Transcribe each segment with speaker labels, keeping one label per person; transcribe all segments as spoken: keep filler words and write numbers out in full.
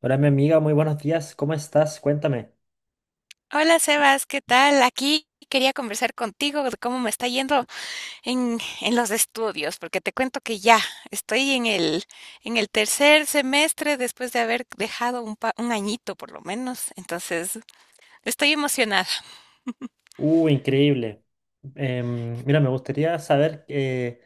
Speaker 1: Hola, mi amiga, muy buenos días. ¿Cómo estás? Cuéntame.
Speaker 2: Hola Sebas, ¿qué tal? Aquí quería conversar contigo de cómo me está yendo en, en los estudios, porque te cuento que ya estoy en el, en el tercer semestre después de haber dejado un, pa- un añito por lo menos, entonces estoy emocionada.
Speaker 1: Uh, increíble. Em, mira, me gustaría saber eh,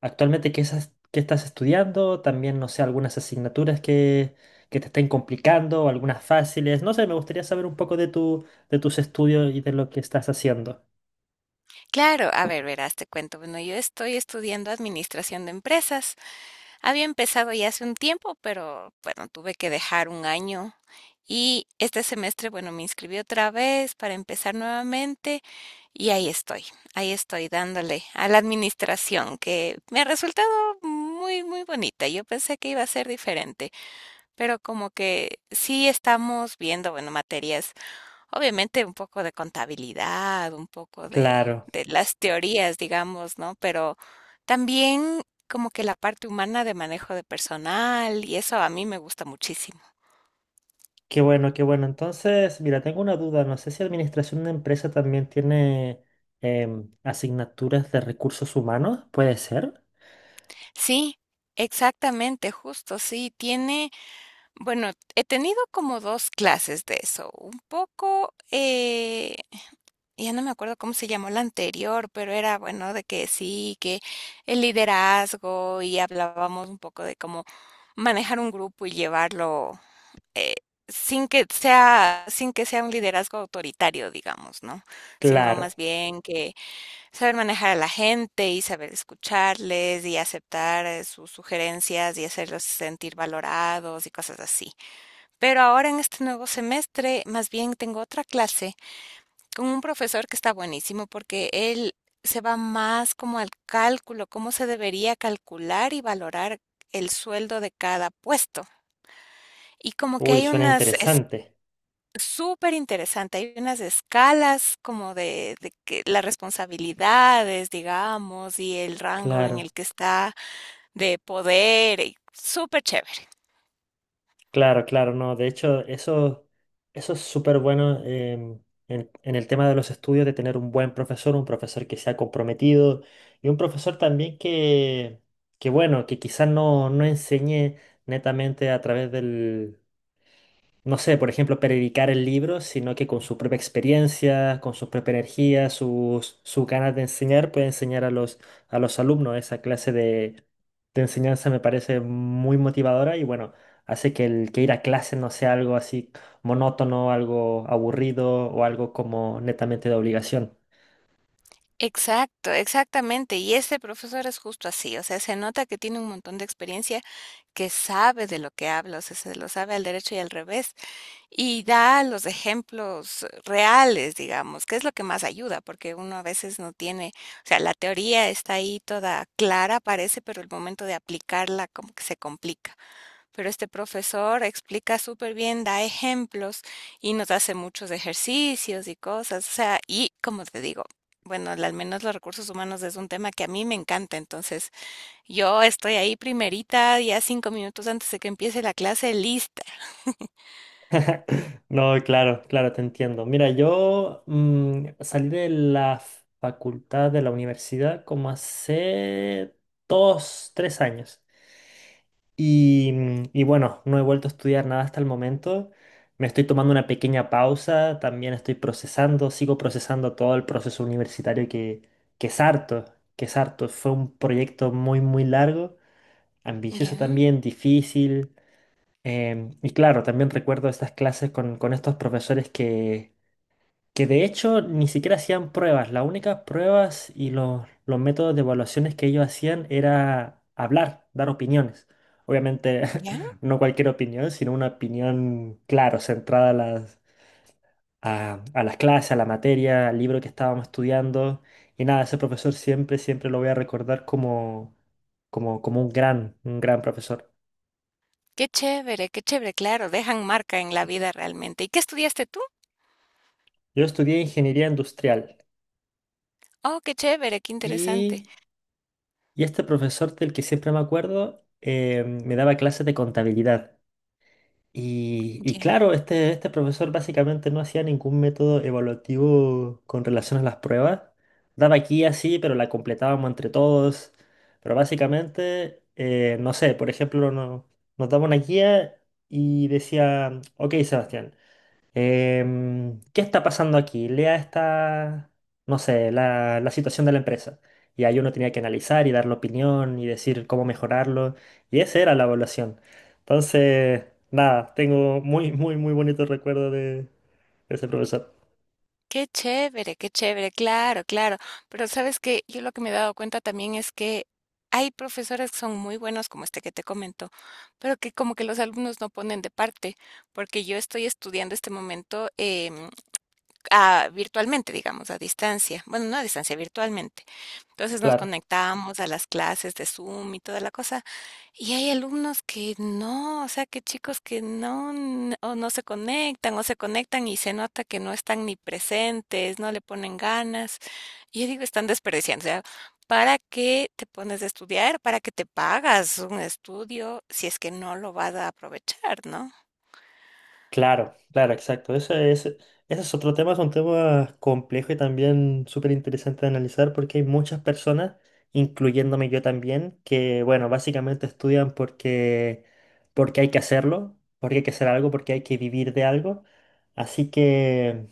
Speaker 1: actualmente qué, esas- qué estás estudiando. También, no sé, algunas asignaturas que, que te estén complicando, algunas fáciles. No sé, me gustaría saber un poco de tu, de tus estudios y de lo que estás haciendo.
Speaker 2: Claro, a ver, verás, te cuento. Bueno, yo estoy estudiando administración de empresas. Había empezado ya hace un tiempo, pero bueno, tuve que dejar un año. Y este semestre, bueno, me inscribí otra vez para empezar nuevamente. Y ahí estoy, ahí estoy dándole a la administración, que me ha resultado muy, muy bonita. Yo pensé que iba a ser diferente, pero como que sí estamos viendo, bueno, materias, obviamente un poco de contabilidad, un poco de,
Speaker 1: Claro,
Speaker 2: de las teorías, digamos, ¿no? Pero también como que la parte humana de manejo de personal, y eso a mí me gusta muchísimo.
Speaker 1: qué bueno, qué bueno. Entonces, mira, tengo una duda. No sé si administración de empresa también tiene em, asignaturas de recursos humanos, ¿puede ser?
Speaker 2: Sí, exactamente, justo, sí, tiene... Bueno, he tenido como dos clases de eso. Un poco, eh, ya no me acuerdo cómo se llamó la anterior, pero era, bueno, de que sí, que el liderazgo y hablábamos un poco de cómo manejar un grupo y llevarlo, eh, sin que sea sin que sea un liderazgo autoritario, digamos, ¿no? Sino más
Speaker 1: Claro.
Speaker 2: bien que saber manejar a la gente y saber escucharles y aceptar, eh, sus sugerencias y hacerlos sentir valorados y cosas así. Pero ahora en este nuevo semestre, más bien tengo otra clase con un profesor que está buenísimo porque él se va más como al cálculo, cómo se debería calcular y valorar el sueldo de cada puesto. Y como que
Speaker 1: Uy,
Speaker 2: hay
Speaker 1: suena
Speaker 2: unas, es
Speaker 1: interesante.
Speaker 2: súper interesante, hay unas escalas como de, de que las responsabilidades, digamos, y el rango en
Speaker 1: Claro,
Speaker 2: el que está de poder, y súper chévere.
Speaker 1: claro, claro, no. De hecho, eso, eso es súper bueno em, en, en el tema de los estudios, de tener un buen profesor, un profesor que sea comprometido y un profesor también que, que bueno, que quizás no, no enseñe netamente a través del, no sé, por ejemplo, predicar el libro, sino que con su propia experiencia, con su propia energía, sus, sus ganas de enseñar, puede enseñar a los, a los alumnos. Esa clase de, de enseñanza me parece muy motivadora y bueno, hace que el que ir a clase no sea algo así monótono, algo aburrido o algo como netamente de obligación.
Speaker 2: Exacto, exactamente. Y ese profesor es justo así, o sea, se nota que tiene un montón de experiencia, que sabe de lo que habla, o sea, se lo sabe al derecho y al revés, y da los ejemplos eh, reales, digamos, que es lo que más ayuda, porque uno a veces no tiene, o sea, la teoría está ahí toda clara, parece, pero el momento de aplicarla como que se complica. Pero este profesor explica súper bien, da ejemplos y nos hace muchos ejercicios y cosas. O sea, y como te digo, bueno, al menos los recursos humanos es un tema que a mí me encanta. Entonces, yo estoy ahí primerita, ya cinco minutos antes de que empiece la clase, lista.
Speaker 1: No, claro, claro, te entiendo. Mira, yo mm, salí de la facultad de la universidad como hace dos, tres años. Y, y bueno, no he vuelto a estudiar nada hasta el momento. Me estoy tomando una pequeña pausa, también estoy procesando, sigo procesando todo el proceso universitario que, que es harto, que es harto. Fue un proyecto muy, muy largo, ambicioso
Speaker 2: Ya,
Speaker 1: también, difícil. Em, y claro, también recuerdo estas clases con, con estos profesores que que de hecho ni siquiera hacían pruebas. Las únicas pruebas y los, los métodos de evaluaciones que ellos hacían era hablar, dar opiniones. Obviamente
Speaker 2: ya.
Speaker 1: no cualquier opinión, sino una opinión, claro, centrada a las, a, a las clases, a la materia, al libro que estábamos estudiando. Y nada, ese profesor siempre, siempre lo voy a recordar como, como, como un gran, un gran profesor.
Speaker 2: Qué chévere, qué chévere. Claro, dejan marca en la vida realmente. ¿Y qué estudiaste tú?
Speaker 1: Yo estudié ingeniería industrial
Speaker 2: Oh, qué chévere, qué interesante.
Speaker 1: y... Y este profesor del que siempre me acuerdo eh, me daba clases de contabilidad. Y, y claro, este, este profesor básicamente no hacía ningún método evaluativo con relación a las pruebas. Daba aquí así, pero la completábamos entre todos. Pero básicamente, eh, no sé, por ejemplo, no- nos daba una guía y decía, ok, Sebastián. Em, ¿qué está pasando aquí? Lea esta, no sé, la, la situación de la empresa. Y ahí uno tenía que analizar y dar la opinión y decir cómo mejorarlo. Y esa era la evaluación. Entonces, nada, tengo muy, muy, muy bonito recuerdo de de ese profesor.
Speaker 2: Qué chévere, qué chévere, claro, claro. Pero sabes que yo lo que me he dado cuenta también es que hay profesores que son muy buenos, como este que te comento, pero que como que los alumnos no ponen de parte, porque yo estoy estudiando este momento em, a- virtualmente, digamos, a distancia. Bueno, no a distancia, virtualmente. Entonces nos
Speaker 1: Claro.
Speaker 2: conectamos a las clases de Zoom y toda la cosa. Y hay alumnos que no, o sea, que chicos que no, n- o no se conectan, o se conectan y se nota que no están ni presentes, no le ponen ganas. Y yo digo, están desperdiciando. O sea, ¿para qué te pones a estudiar? ¿Para qué te pagas un estudio si es que no lo vas a aprovechar, ¿no?
Speaker 1: Claro, claro, exacto. Ese, ese, ese es otro tema, es un tema complejo y también súper interesante de analizar porque hay muchas personas, incluyéndome yo también, que, bueno, básicamente estudian porque, porque hay que hacerlo, porque hay que hacer algo, porque hay que vivir de algo. Así que,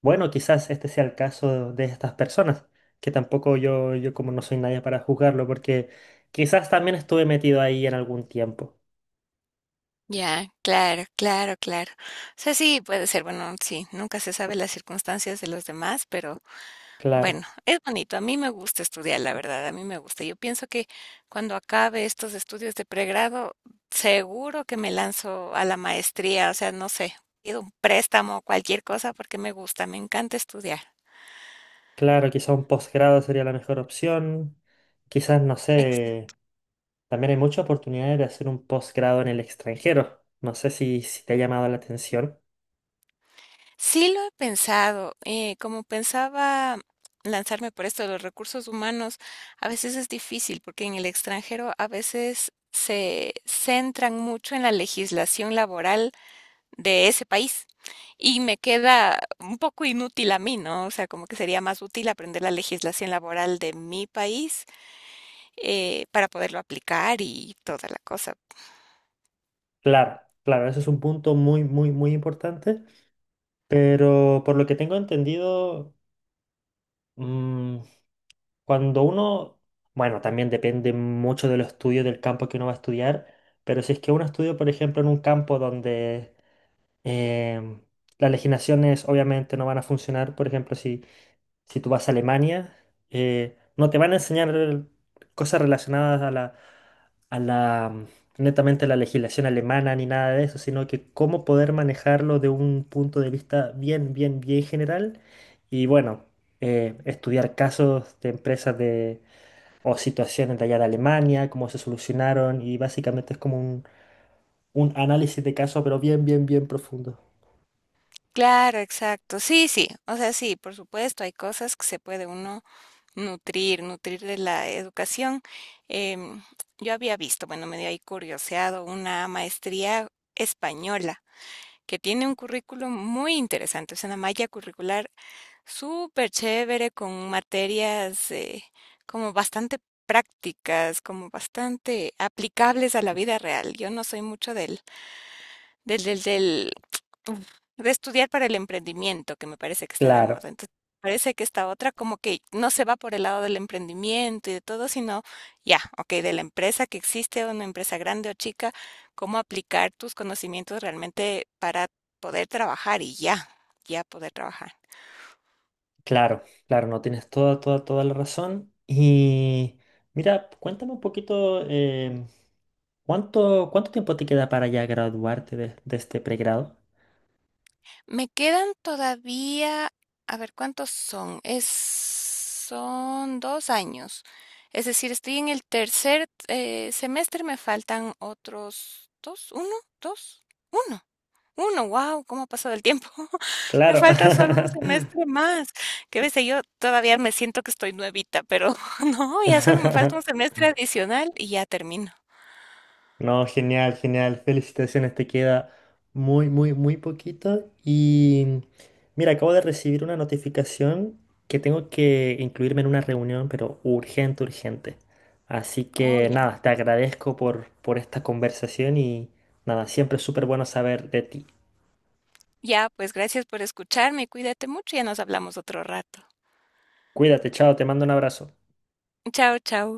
Speaker 1: bueno, quizás este sea el caso de estas personas, que tampoco yo, yo como no soy nadie para juzgarlo, porque quizás también estuve metido ahí en algún tiempo.
Speaker 2: Ya, claro, claro, claro. O sea, sí, puede ser, bueno, sí, nunca se sabe las circunstancias de los demás, pero bueno,
Speaker 1: Claro.
Speaker 2: es bonito. A mí me gusta estudiar, la verdad, a mí me gusta. Yo pienso que cuando acabe estos estudios de pregrado, seguro que me lanzo a la maestría, o sea, no sé, pido un préstamo o cualquier cosa porque me gusta, me encanta estudiar.
Speaker 1: Claro, quizá un posgrado sería la mejor opción. Quizás, no sé,
Speaker 2: Exacto.
Speaker 1: también hay muchas oportunidades de hacer un posgrado en el extranjero. No sé si, si te ha llamado la atención.
Speaker 2: Sí lo he pensado, eh, como pensaba lanzarme por esto de los recursos humanos, a veces es difícil porque en el extranjero a veces se centran mucho en la legislación laboral de ese país. Y me queda un poco inútil a mí, ¿no? O sea, como que sería más útil aprender la legislación laboral de mi país eh, para poderlo aplicar y toda la cosa.
Speaker 1: Claro, claro, eso es un punto muy, muy, muy importante. Pero por lo que tengo entendido, mm, cuando uno, bueno, también depende mucho de los estudios del campo que uno va a estudiar, pero si es que uno estudia, por ejemplo, en un campo donde em, las legislaciones obviamente no van a funcionar, por ejemplo, si si tú vas a Alemania, eh, no te van a enseñar cosas relacionadas a la, a la, mm, netamente a la legislación alemana ni nada de eso, sino que cómo poder manejarlo de un punto de vista bien, bien, bien general. Y bueno, eh, estudiar casos de empresas de, o situaciones de allá de Alemania, cómo se solucionaron, y básicamente es como un, un análisis de caso, pero bien, bien, bien profundo.
Speaker 2: Claro, exacto. Sí, sí. O sea, sí, por supuesto, hay cosas que se puede uno nutrir, nutrir de la educación. Em, yo había visto, bueno, me dio ahí curioseado una maestría española que tiene un currículum muy interesante, es una malla curricular súper chévere, con materias eh, como bastante prácticas, como bastante aplicables a la vida real. Yo no soy mucho del, del, del, del, uf, de estudiar para el emprendimiento, que me parece que está de
Speaker 1: Claro.
Speaker 2: moda. Entonces, parece que esta otra como que no se va por el lado del emprendimiento y de todo, sino ya, ok, de la empresa que existe, una empresa grande o chica, cómo aplicar tus conocimientos realmente para poder trabajar y ya, ya poder trabajar.
Speaker 1: Claro, claro, no tienes toda, toda, toda la razón. Y mira, cuéntame un poquito, em, ¿cuánto, cuánto tiempo te queda para ya graduarte de, de este pregrado?
Speaker 2: Me quedan todavía, a ver, ¿cuántos son? Es, son dos años. Es decir, estoy en el tercer eh, semestre, me faltan otros dos, uno, dos, uno, uno, wow, ¿cómo ha pasado el tiempo? Me
Speaker 1: Claro.
Speaker 2: falta solo un semestre más. Qué bestia, yo todavía me siento que estoy nuevita, pero no, ya solo me falta un semestre adicional y ya termino.
Speaker 1: No, genial, genial. Felicitaciones, te queda muy, muy, muy poquito. Y mira, acabo de recibir una notificación que tengo que incluirme en una reunión, pero urgente, urgente. Así
Speaker 2: Oh,
Speaker 1: que
Speaker 2: ya.
Speaker 1: nada, te agradezco por, por esta conversación y nada, siempre es súper bueno saber de ti.
Speaker 2: Ya, pues gracias por escucharme, cuídate mucho, ya nos hablamos otro rato.
Speaker 1: Cuídate, chao, te mando un abrazo.
Speaker 2: Chao, chao.